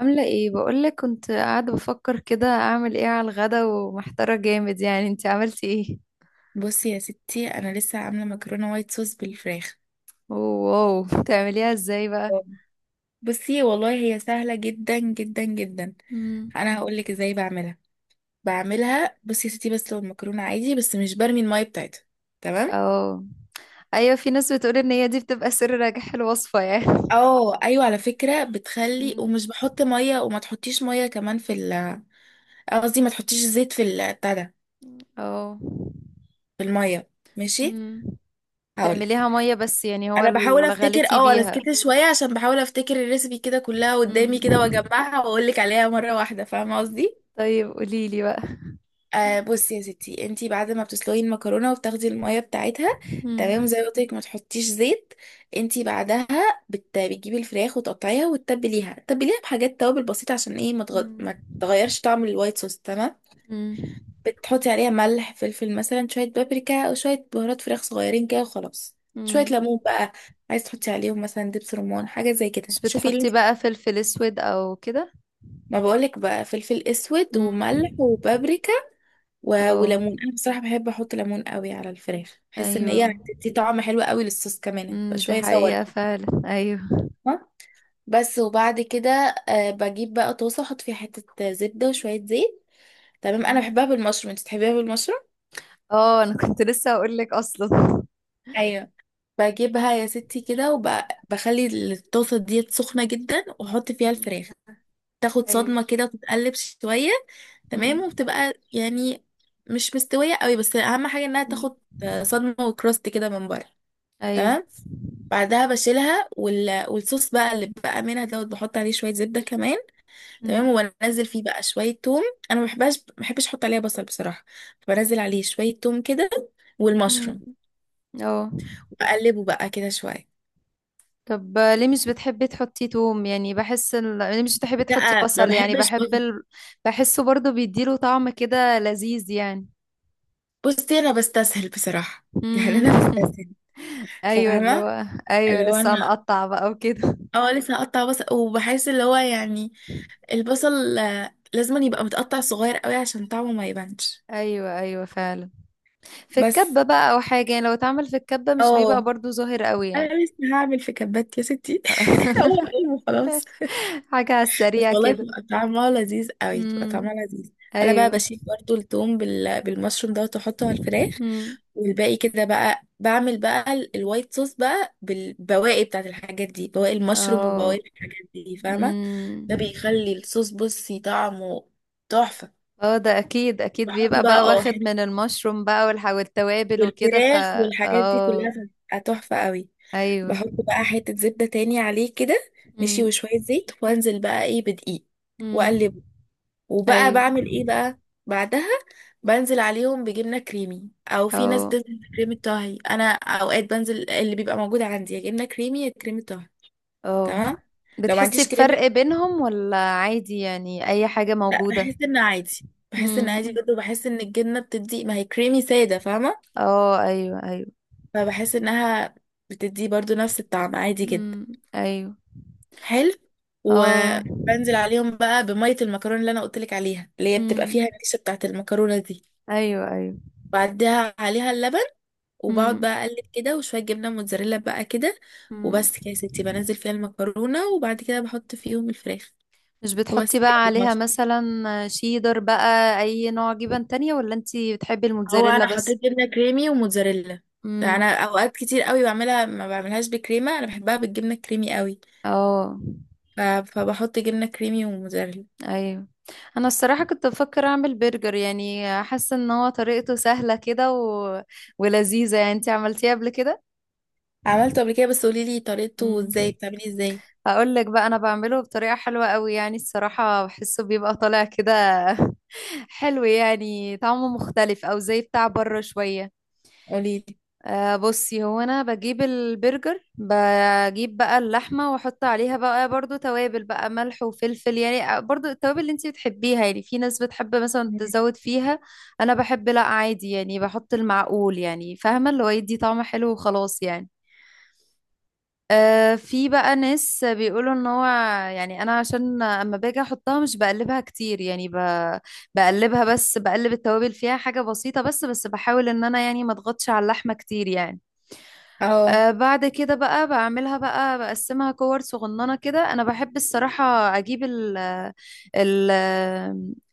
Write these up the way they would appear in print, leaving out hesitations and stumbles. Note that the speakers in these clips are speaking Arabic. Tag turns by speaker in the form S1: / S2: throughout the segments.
S1: عاملة ايه؟ بقولك كنت قاعدة بفكر كده، اعمل ايه على الغدا، ومحتارة جامد يعني. انتي عملتي ايه؟
S2: بصي يا ستي، انا لسه عامله مكرونه وايت صوص بالفراخ.
S1: واو، بتعمليها ازاي بقى؟
S2: آه. بصي والله هي سهله جدا جدا جدا.
S1: مم.
S2: انا هقول لك ازاي بعملها. بعملها بصي يا ستي، بس لو المكرونه عادي، بس مش برمي الميه بتاعتها. تمام.
S1: اه، ايوه في ناس بتقول ان هي دي بتبقى سر نجاح الوصفة يعني.
S2: اه ايوه، على فكره بتخلي،
S1: مم.
S2: ومش بحط ميه، وما تحطيش ميه كمان في ال- قصدي ما تحطيش زيت في ال- بتاع ده
S1: اه.
S2: في الميه ماشي.
S1: مم.
S2: هقولك.
S1: تعمليها مية بس يعني، هو
S2: انا بحاول
S1: اللي
S2: افتكر،
S1: غليتي
S2: اه انا
S1: بيها؟
S2: سكت شويه عشان بحاول افتكر الريسبي كده كلها قدامي
S1: مم.
S2: كده، واجمعها واقول لك عليها مره واحده، فاهمه قصدي.
S1: طيب قوليلي بقى.
S2: آه، بصي يا ستي، انتي بعد ما بتسلقي المكرونه وبتاخدي الميه بتاعتها،
S1: مم.
S2: تمام، زي ما قلت لك ما تحطيش زيت. انتي بعدها بتجيبي الفراخ وتقطعيها وتتبليها، تتبليها بحاجات توابل بسيطه عشان ايه
S1: مم.
S2: ما تغيرش طعم الوايت صوص. تمام.
S1: مم.
S2: بتحطي عليها ملح، فلفل، مثلا شويه بابريكا، او شويه بهارات فراخ صغيرين كده وخلاص. شويه
S1: مم.
S2: ليمون بقى. عايز تحطي عليهم مثلا دبس رمان، حاجه زي كده،
S1: مش
S2: شوفي اللي انت.
S1: بتحطي بقى فلفل اسود او كده؟
S2: ما بقولك بقى فلفل اسود
S1: مم.
S2: وملح وبابريكا و-
S1: اه
S2: وليمون. انا بصراحه بحب احط ليمون قوي على الفراخ، بحس ان
S1: ايوه.
S2: هي بتدي طعم حلو قوي للصوص كمان، يبقى
S1: امم، دي
S2: شويه صور
S1: حقيقة
S2: كده.
S1: فعلا. ايوه.
S2: ها؟ بس وبعد كده، بجيب بقى طاسه احط فيها حته زبده وشويه زيت. تمام. انا
S1: مم.
S2: بحبها بالمشروم، انت بتحبيها بالمشروم.
S1: اه، انا كنت لسه هقول لك اصلا.
S2: ايوب. بجيبها يا ستي كده وبخلي الطاسه ديت سخنه جدا، واحط فيها
S1: مم.
S2: الفراخ، تاخد
S1: ايوه.
S2: صدمه كده وتتقلب شويه. تمام،
S1: امم
S2: وبتبقى يعني مش مستويه قوي، بس اهم حاجه انها
S1: امم.
S2: تاخد صدمه وكراست كده من بره.
S1: ايوه.
S2: تمام. بعدها بشيلها، وال... والصوص بقى اللي بقى منها دوت بحط عليه شويه زبده كمان.
S1: امم
S2: تمام، وبنزل فيه بقى شويه توم. انا ما بحبهاش، ما بحبش احط عليها بصل بصراحه. بنزل عليه شويه توم كده
S1: امم.
S2: والمشروم،
S1: اه.
S2: بقلبه بقى كده شويه.
S1: طب ليه مش بتحبي تحطي توم؟ يعني ليه مش بتحبي تحطي
S2: لا ما
S1: بصل؟ يعني
S2: بحبش بصل.
S1: بحسه برضو بيديله طعم كده لذيذ يعني.
S2: بصي انا بستسهل بصراحه يعني
S1: امم.
S2: انا بستسهل،
S1: ايوه، اللي
S2: فاهمه،
S1: هو ايوه
S2: اللي هو
S1: لسه
S2: انا.
S1: هنقطع بقى وكده.
S2: اه، لسه هقطع بصل، وبحس اللي هو يعني البصل لازم يبقى متقطع صغير قوي عشان طعمه ما يبانش.
S1: ايوه ايوه فعلا. في
S2: بس.
S1: الكبة بقى أو حاجة يعني، لو اتعمل في الكبة مش بيبقى
S2: اه.
S1: برضو ظاهر قوي يعني.
S2: انا لسه هعمل في كبات يا ستي. هو قلبه خلاص.
S1: حاجة على
S2: بس
S1: السريع
S2: والله
S1: كده.
S2: بتبقى طعمها لذيذ قوي، بتبقى
S1: امم.
S2: طعمها لذيذ. انا بقى
S1: أيوه.
S2: بشيل برضو التوم بال... بالمشروم ده، واحطه على الفراخ.
S1: امم.
S2: والباقي كده بقى بعمل بقى ال- الوايت صوص بقى بالبواقي بتاعت الحاجات دي، بواقي المشروم وبواقي
S1: اه.
S2: الحاجات دي، فاهمه.
S1: امم.
S2: ده بيخلي الصوص بصي طعمه تحفه.
S1: اه، ده أكيد أكيد
S2: بحط
S1: بيبقى
S2: بقى
S1: بقى
S2: اه
S1: واخد من المشروم بقى والتوابل وكده
S2: والفراخ والحاجات دي كلها
S1: اه.
S2: بتبقى تحفة قوي.
S1: أيوه.
S2: بحط بقى حتة زبدة تاني عليه كده، ماشي،
S1: امم
S2: وشوية زيت، وانزل بقى ايه بدقيق،
S1: امم
S2: واقلبه، وبقى
S1: أيوه.
S2: بعمل ايه بقى بعدها. بنزل عليهم بجبنة كريمي، او في ناس
S1: اه
S2: بتنزل بكريمة طهي، انا اوقات بنزل اللي بيبقى موجود عندي، يا جبنة كريمي يا كريمة طهي.
S1: اه،
S2: تمام. لو ما
S1: بتحسي
S2: عنديش كريمة،
S1: بفرق بينهم ولا عادي يعني أي حاجة
S2: لا بحس ان عادي، بحس ان عادي
S1: موجودة؟
S2: جدا، وبحس ان الجبنة بتدي ما هي كريمي سادة، فاهمة،
S1: اه ايوه ايوه.
S2: فبحس انها بتدي برضو نفس الطعم عادي جدا.
S1: امم ايوه
S2: حلو.
S1: اه
S2: وبنزل عليهم بقى بمية المكرونة اللي انا قلتلك عليها، اللي هي بتبقى
S1: امم
S2: فيها النشا بتاعت المكرونة دي.
S1: ايوه ايوه
S2: بعدها عليها اللبن، وبقعد
S1: امم
S2: بقى اقلب كده، وشوية جبنة موتزاريلا بقى كده.
S1: امم.
S2: وبس كده يا ستي، بنزل فيها المكرونة، وبعد كده بحط فيهم الفراخ،
S1: مش
S2: وبس
S1: بتحطي
S2: كده
S1: بقى عليها
S2: بالمصر.
S1: مثلا شيدر بقى، اي نوع جبن تانية، ولا انتي بتحبي
S2: هو
S1: الموتزاريلا
S2: انا
S1: بس؟
S2: حطيت جبنة كريمي وموتزاريلا،
S1: أمم.
S2: انا اوقات كتير قوي بعملها ما بعملهاش بكريمة، انا بحبها بالجبنة الكريمي قوي،
S1: اه
S2: ف... فبحط جبنة كريمي وموتزاريلا.
S1: ايوه. انا الصراحة كنت بفكر اعمل برجر، يعني حاسة ان هو طريقته سهلة كده ولذيذة يعني. انتي عملتيه قبل كده؟
S2: عملته قبل كده، بس قوليلي طريقته
S1: مم.
S2: ازاي، بتعمليه ازاي؟
S1: هقول لك بقى، انا بعمله بطريقة حلوة قوي يعني. الصراحة بحسه بيبقى طالع كده حلو، يعني طعمه مختلف او زي بتاع بره شوية.
S2: قوليلي.
S1: بصي، هو انا بجيب البرجر، بجيب بقى اللحمة واحط عليها بقى برضو توابل بقى ملح وفلفل يعني. برضو التوابل اللي انتي بتحبيها يعني. في ناس بتحب مثلا تزود فيها. انا بحب لا عادي يعني، بحط المعقول يعني، فاهمة اللي هو يدي طعم حلو وخلاص يعني. في بقى ناس بيقولوا ان هو يعني، انا عشان اما باجي احطها مش بقلبها كتير يعني بقلبها بس، بقلب التوابل فيها حاجة بسيطة بس بحاول ان انا يعني ما اضغطش على اللحمة كتير يعني.
S2: اه
S1: بعد كده بقى بعملها بقى، بقسمها كور صغننة كده. انا بحب الصراحة اجيب ال ال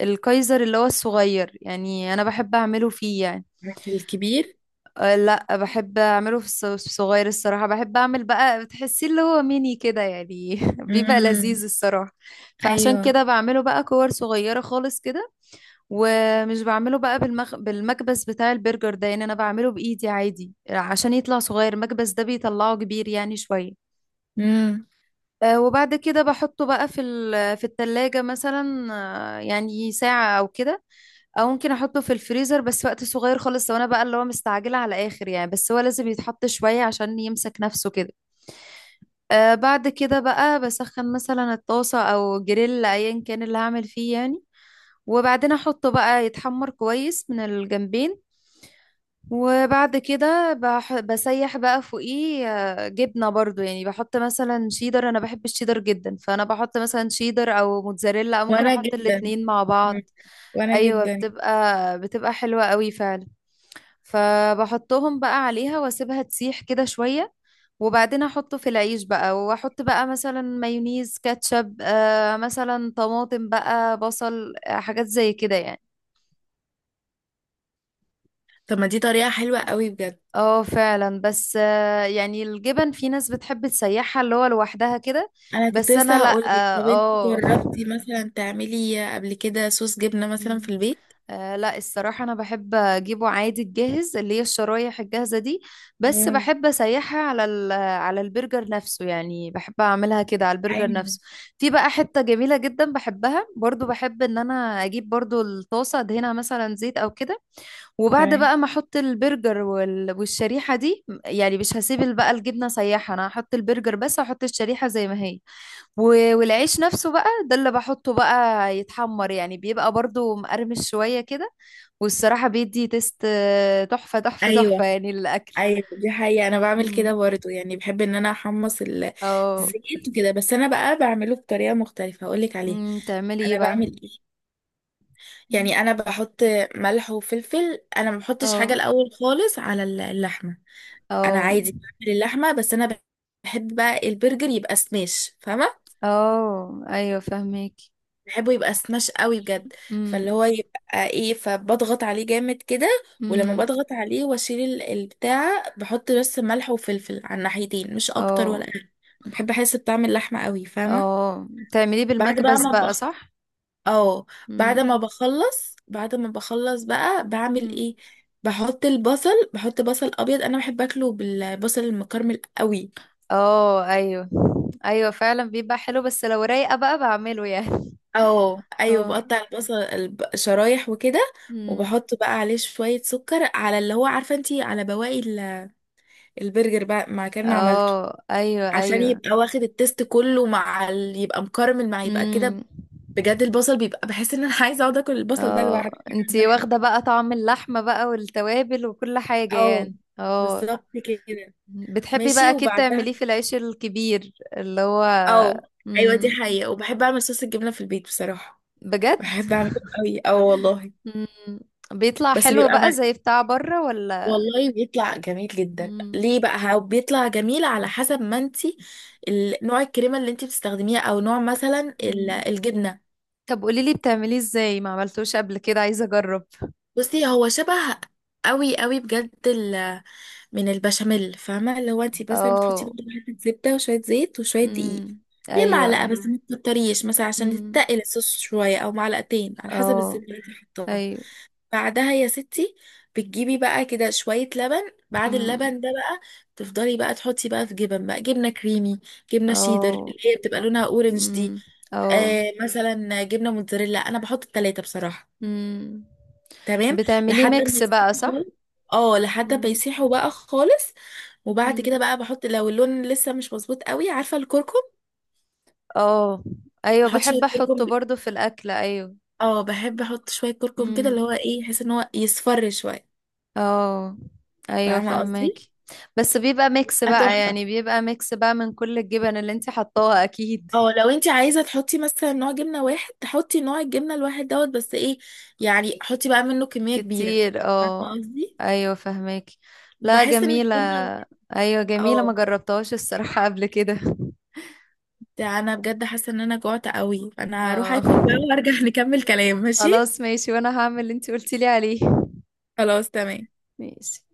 S1: الكايزر اللي هو الصغير يعني. انا بحب اعمله فيه يعني.
S2: في الكبير.
S1: لا، بحب اعمله في الصغير الصراحه بحب اعمل بقى، بتحسيه اللي هو ميني كده يعني. بيبقى
S2: امم.
S1: لذيذ الصراحه. فعشان
S2: ايوه.
S1: كده بعمله بقى كور صغيره خالص كده. ومش بعمله بقى بالمكبس بتاع البرجر ده، يعني انا بعمله بايدي عادي عشان يطلع صغير. المكبس ده بيطلعه كبير يعني شويه.
S2: امم.
S1: وبعد كده بحطه بقى في التلاجة مثلا. يعني ساعة أو كده، او ممكن احطه في الفريزر بس وقت صغير خالص، لو انا بقى اللي هو مستعجله على اخر يعني. بس هو لازم يتحط شويه عشان يمسك نفسه كده. بعد كده بقى بسخن مثلا الطاسه او جريل، ايا كان اللي هعمل فيه يعني. وبعدين احطه بقى يتحمر كويس من الجنبين. وبعد كده بسيح بقى فوقيه جبنه برضو يعني. بحط مثلا شيدر، انا بحب الشيدر جدا، فانا بحط مثلا شيدر او موتزاريلا، او ممكن
S2: وانا
S1: احط
S2: جدا.
S1: الاتنين مع بعض.
S2: مم. وانا
S1: ايوه،
S2: جدا.
S1: بتبقى حلوه قوي فعلا. فبحطهم بقى عليها واسيبها تسيح كده شوية. وبعدين احطه في العيش بقى، واحط بقى مثلا مايونيز، كاتشب، مثلا طماطم بقى، بصل، حاجات زي كده يعني.
S2: طب ما دي طريقة حلوة قوي بجد.
S1: اه فعلا. بس يعني الجبن، في ناس بتحب تسيحها اللي هو لوحدها كده.
S2: انا كنت
S1: بس انا
S2: لسه
S1: لا.
S2: هقول لك، طب انت
S1: اه آه.
S2: جربتي مثلا تعملي قبل كده صوص جبنة مثلا في
S1: مم.
S2: البيت؟
S1: لا، الصراحة أنا بحب أجيبه عادي الجاهز، اللي هي الشرايح الجاهزة دي. بس
S2: امم.
S1: بحب أسيحها على على البرجر نفسه يعني. بحب أعملها كده على البرجر
S2: ايوه.
S1: نفسه. في بقى حتة جميلة جدا بحبها برضو، بحب إن أنا أجيب برضو الطاسة أدهنها مثلا زيت أو كده. وبعد
S2: تمام.
S1: بقى ما أحط البرجر والشريحة دي يعني، مش هسيب بقى الجبنة سايحة. أنا هحط البرجر بس، هحط الشريحة زي ما هي. والعيش نفسه بقى ده اللي بحطه بقى يتحمر، يعني بيبقى برضو مقرمش شوية كده. والصراحة بيدي تيست تحفة تحفة تحفة
S2: ايوه.
S1: يعني الأكل.
S2: ايوه دي حقيقة، انا بعمل
S1: مم.
S2: كده برضه، يعني بحب ان انا احمص ال-
S1: اه.
S2: الزيت وكده، بس انا بقى بعمله بطريقة مختلفة، هقول لك عليها.
S1: مم، تعملي ايه
S2: انا
S1: بقى؟
S2: بعمل ايه؟
S1: مم.
S2: يعني انا بحط ملح وفلفل، انا ما بحطش حاجه
S1: اه
S2: الاول خالص على ال- اللحمه. انا
S1: اه
S2: عادي بعمل اللحمه، بس انا بحب بقى البرجر يبقى سماش، فاهمه.
S1: اه ايوه، فهمك.
S2: بحبه يبقى سماش قوي بجد،
S1: امم
S2: فاللي هو يبقى ايه، فبضغط عليه جامد كده. ولما
S1: امم
S2: بضغط عليه واشيل ال- البتاع، بحط بس ملح وفلفل على الناحيتين، مش اكتر
S1: اه
S2: ولا اقل. بحب احس بطعم اللحمه قوي، فاهمه.
S1: اه، تعمليه
S2: بعد بقى
S1: بالمكبس بقى
S2: ما
S1: صح؟
S2: اه، بعد ما
S1: امم
S2: بخلص، بعد ما بخلص بقى بعمل
S1: امم
S2: ايه؟ بحط البصل، بحط بصل ابيض، انا بحب اكله بالبصل المكرمل قوي.
S1: اه ايوه ايوه فعلا، بيبقى حلو بس لو رايقة بقى بعمله يعني.
S2: اه ايوه،
S1: اه.
S2: بقطع البصل الب- شرايح وكده،
S1: امم
S2: وبحط بقى عليه شوية سكر، على اللي هو عارفة انتي على بواقي ال- البرجر بقى ما كان ما عملته،
S1: اه ايوه
S2: عشان
S1: ايوه
S2: يبقى واخد التيست كله، مع ال... يبقى مكرمل مع يبقى كده.
S1: امم.
S2: بجد البصل بيبقى، بحس ان انا عايزة اقعد اكل البصل ده لوحده
S1: اه،
S2: من غير
S1: انتي واخدة
S2: حاجة.
S1: بقى طعم اللحمة بقى والتوابل وكل حاجة
S2: اه
S1: يعني. اه،
S2: بالظبط كده.
S1: بتحبي بقى
S2: ماشي
S1: اكيد
S2: وبعدها
S1: تعمليه في العيش الكبير اللي هو.
S2: اه، ايوه دي
S1: امم.
S2: حقيقة، وبحب اعمل صوص الجبنة في البيت بصراحة.
S1: بجد؟
S2: بحب اعمله قوي، اه والله.
S1: امم. بيطلع
S2: بس
S1: حلو
S2: بيبقى
S1: بقى
S2: من،
S1: زي بتاع بره ولا؟
S2: والله بيطلع جميل جدا. ليه
S1: امم
S2: بقى، هو بيطلع جميل على حسب ما انتي ال- نوع الكريمة اللي انتي بتستخدميها، او نوع مثلا ال-
S1: امم.
S2: الجبنة.
S1: طب قوليلي بتعمليه ازاي، ما عملتوش قبل كده، عايزة اجرب.
S2: بصي هو شبه قوي قوي بجد ال... من البشاميل، فاهمة، اللي هو انتي مثلا بتحطي
S1: اه
S2: برضه حتة زبدة وشوية زيت وشوية دقيق،
S1: امم
S2: هي معلقة
S1: ايوه
S2: بس ما تكتريش، مثلا عشان
S1: امم
S2: تتقل الصوص شوية، او معلقتين على حسب
S1: اه
S2: الزبدة اللي انتي حطاها.
S1: ايوه.
S2: بعدها يا ستي بتجيبي بقى كده شوية لبن، بعد
S1: مم.
S2: اللبن ده بقى تفضلي بقى تحطي بقى في جبن، بقى جبنة كريمي، جبنة شيدر
S1: اه
S2: اللي هي بتبقى لونها اورنج
S1: امم
S2: دي،
S1: اه
S2: آه مثلا جبنة موتزاريلا، انا بحط التلاتة بصراحة.
S1: امم.
S2: تمام.
S1: بتعمليه
S2: لحد ما
S1: ميكس بقى
S2: يسيحوا
S1: صح؟
S2: خالص. اه لحد ما
S1: امم
S2: يسيحوا بقى خالص. وبعد
S1: امم
S2: كده بقى بحط لو اللون لسه مش مظبوط قوي، عارفة الكركم؟
S1: اه ايوه،
S2: بحط
S1: بحب
S2: شوية كركم.
S1: احطه برضو في الاكل ايوه.
S2: اه بحب احط شوية كركم كده، اللي
S1: امم
S2: هو ايه، يحس ان هو يصفر شوية،
S1: اه ايوه
S2: فاهمة قصدي؟
S1: فهماكي. بس بيبقى ميكس بقى
S2: تحفة.
S1: يعني، بيبقى ميكس بقى من كل الجبن اللي انت حطاها اكيد.
S2: اه لو انت عايزه تحطي مثلا نوع جبنه واحد، تحطي نوع الجبنه الواحد دوت، بس ايه يعني، حطي بقى منه كميه كبيره،
S1: كتير
S2: فاهمه
S1: اه.
S2: قصدي،
S1: ايوه فهماكي. لا،
S2: بحس ان
S1: جميلة.
S2: الجبنه
S1: ايوه جميلة، ما
S2: اه.
S1: جربتهاش الصراحة قبل كده.
S2: ده انا بجد حاسه ان انا جوعت قوي، فانا هروح
S1: اه.
S2: اكل بقى وارجع نكمل كلام، ماشي؟
S1: خلاص ماشي، وانا هعمل اللي انت قلتي لي عليه.
S2: خلاص تمام.
S1: ماشي.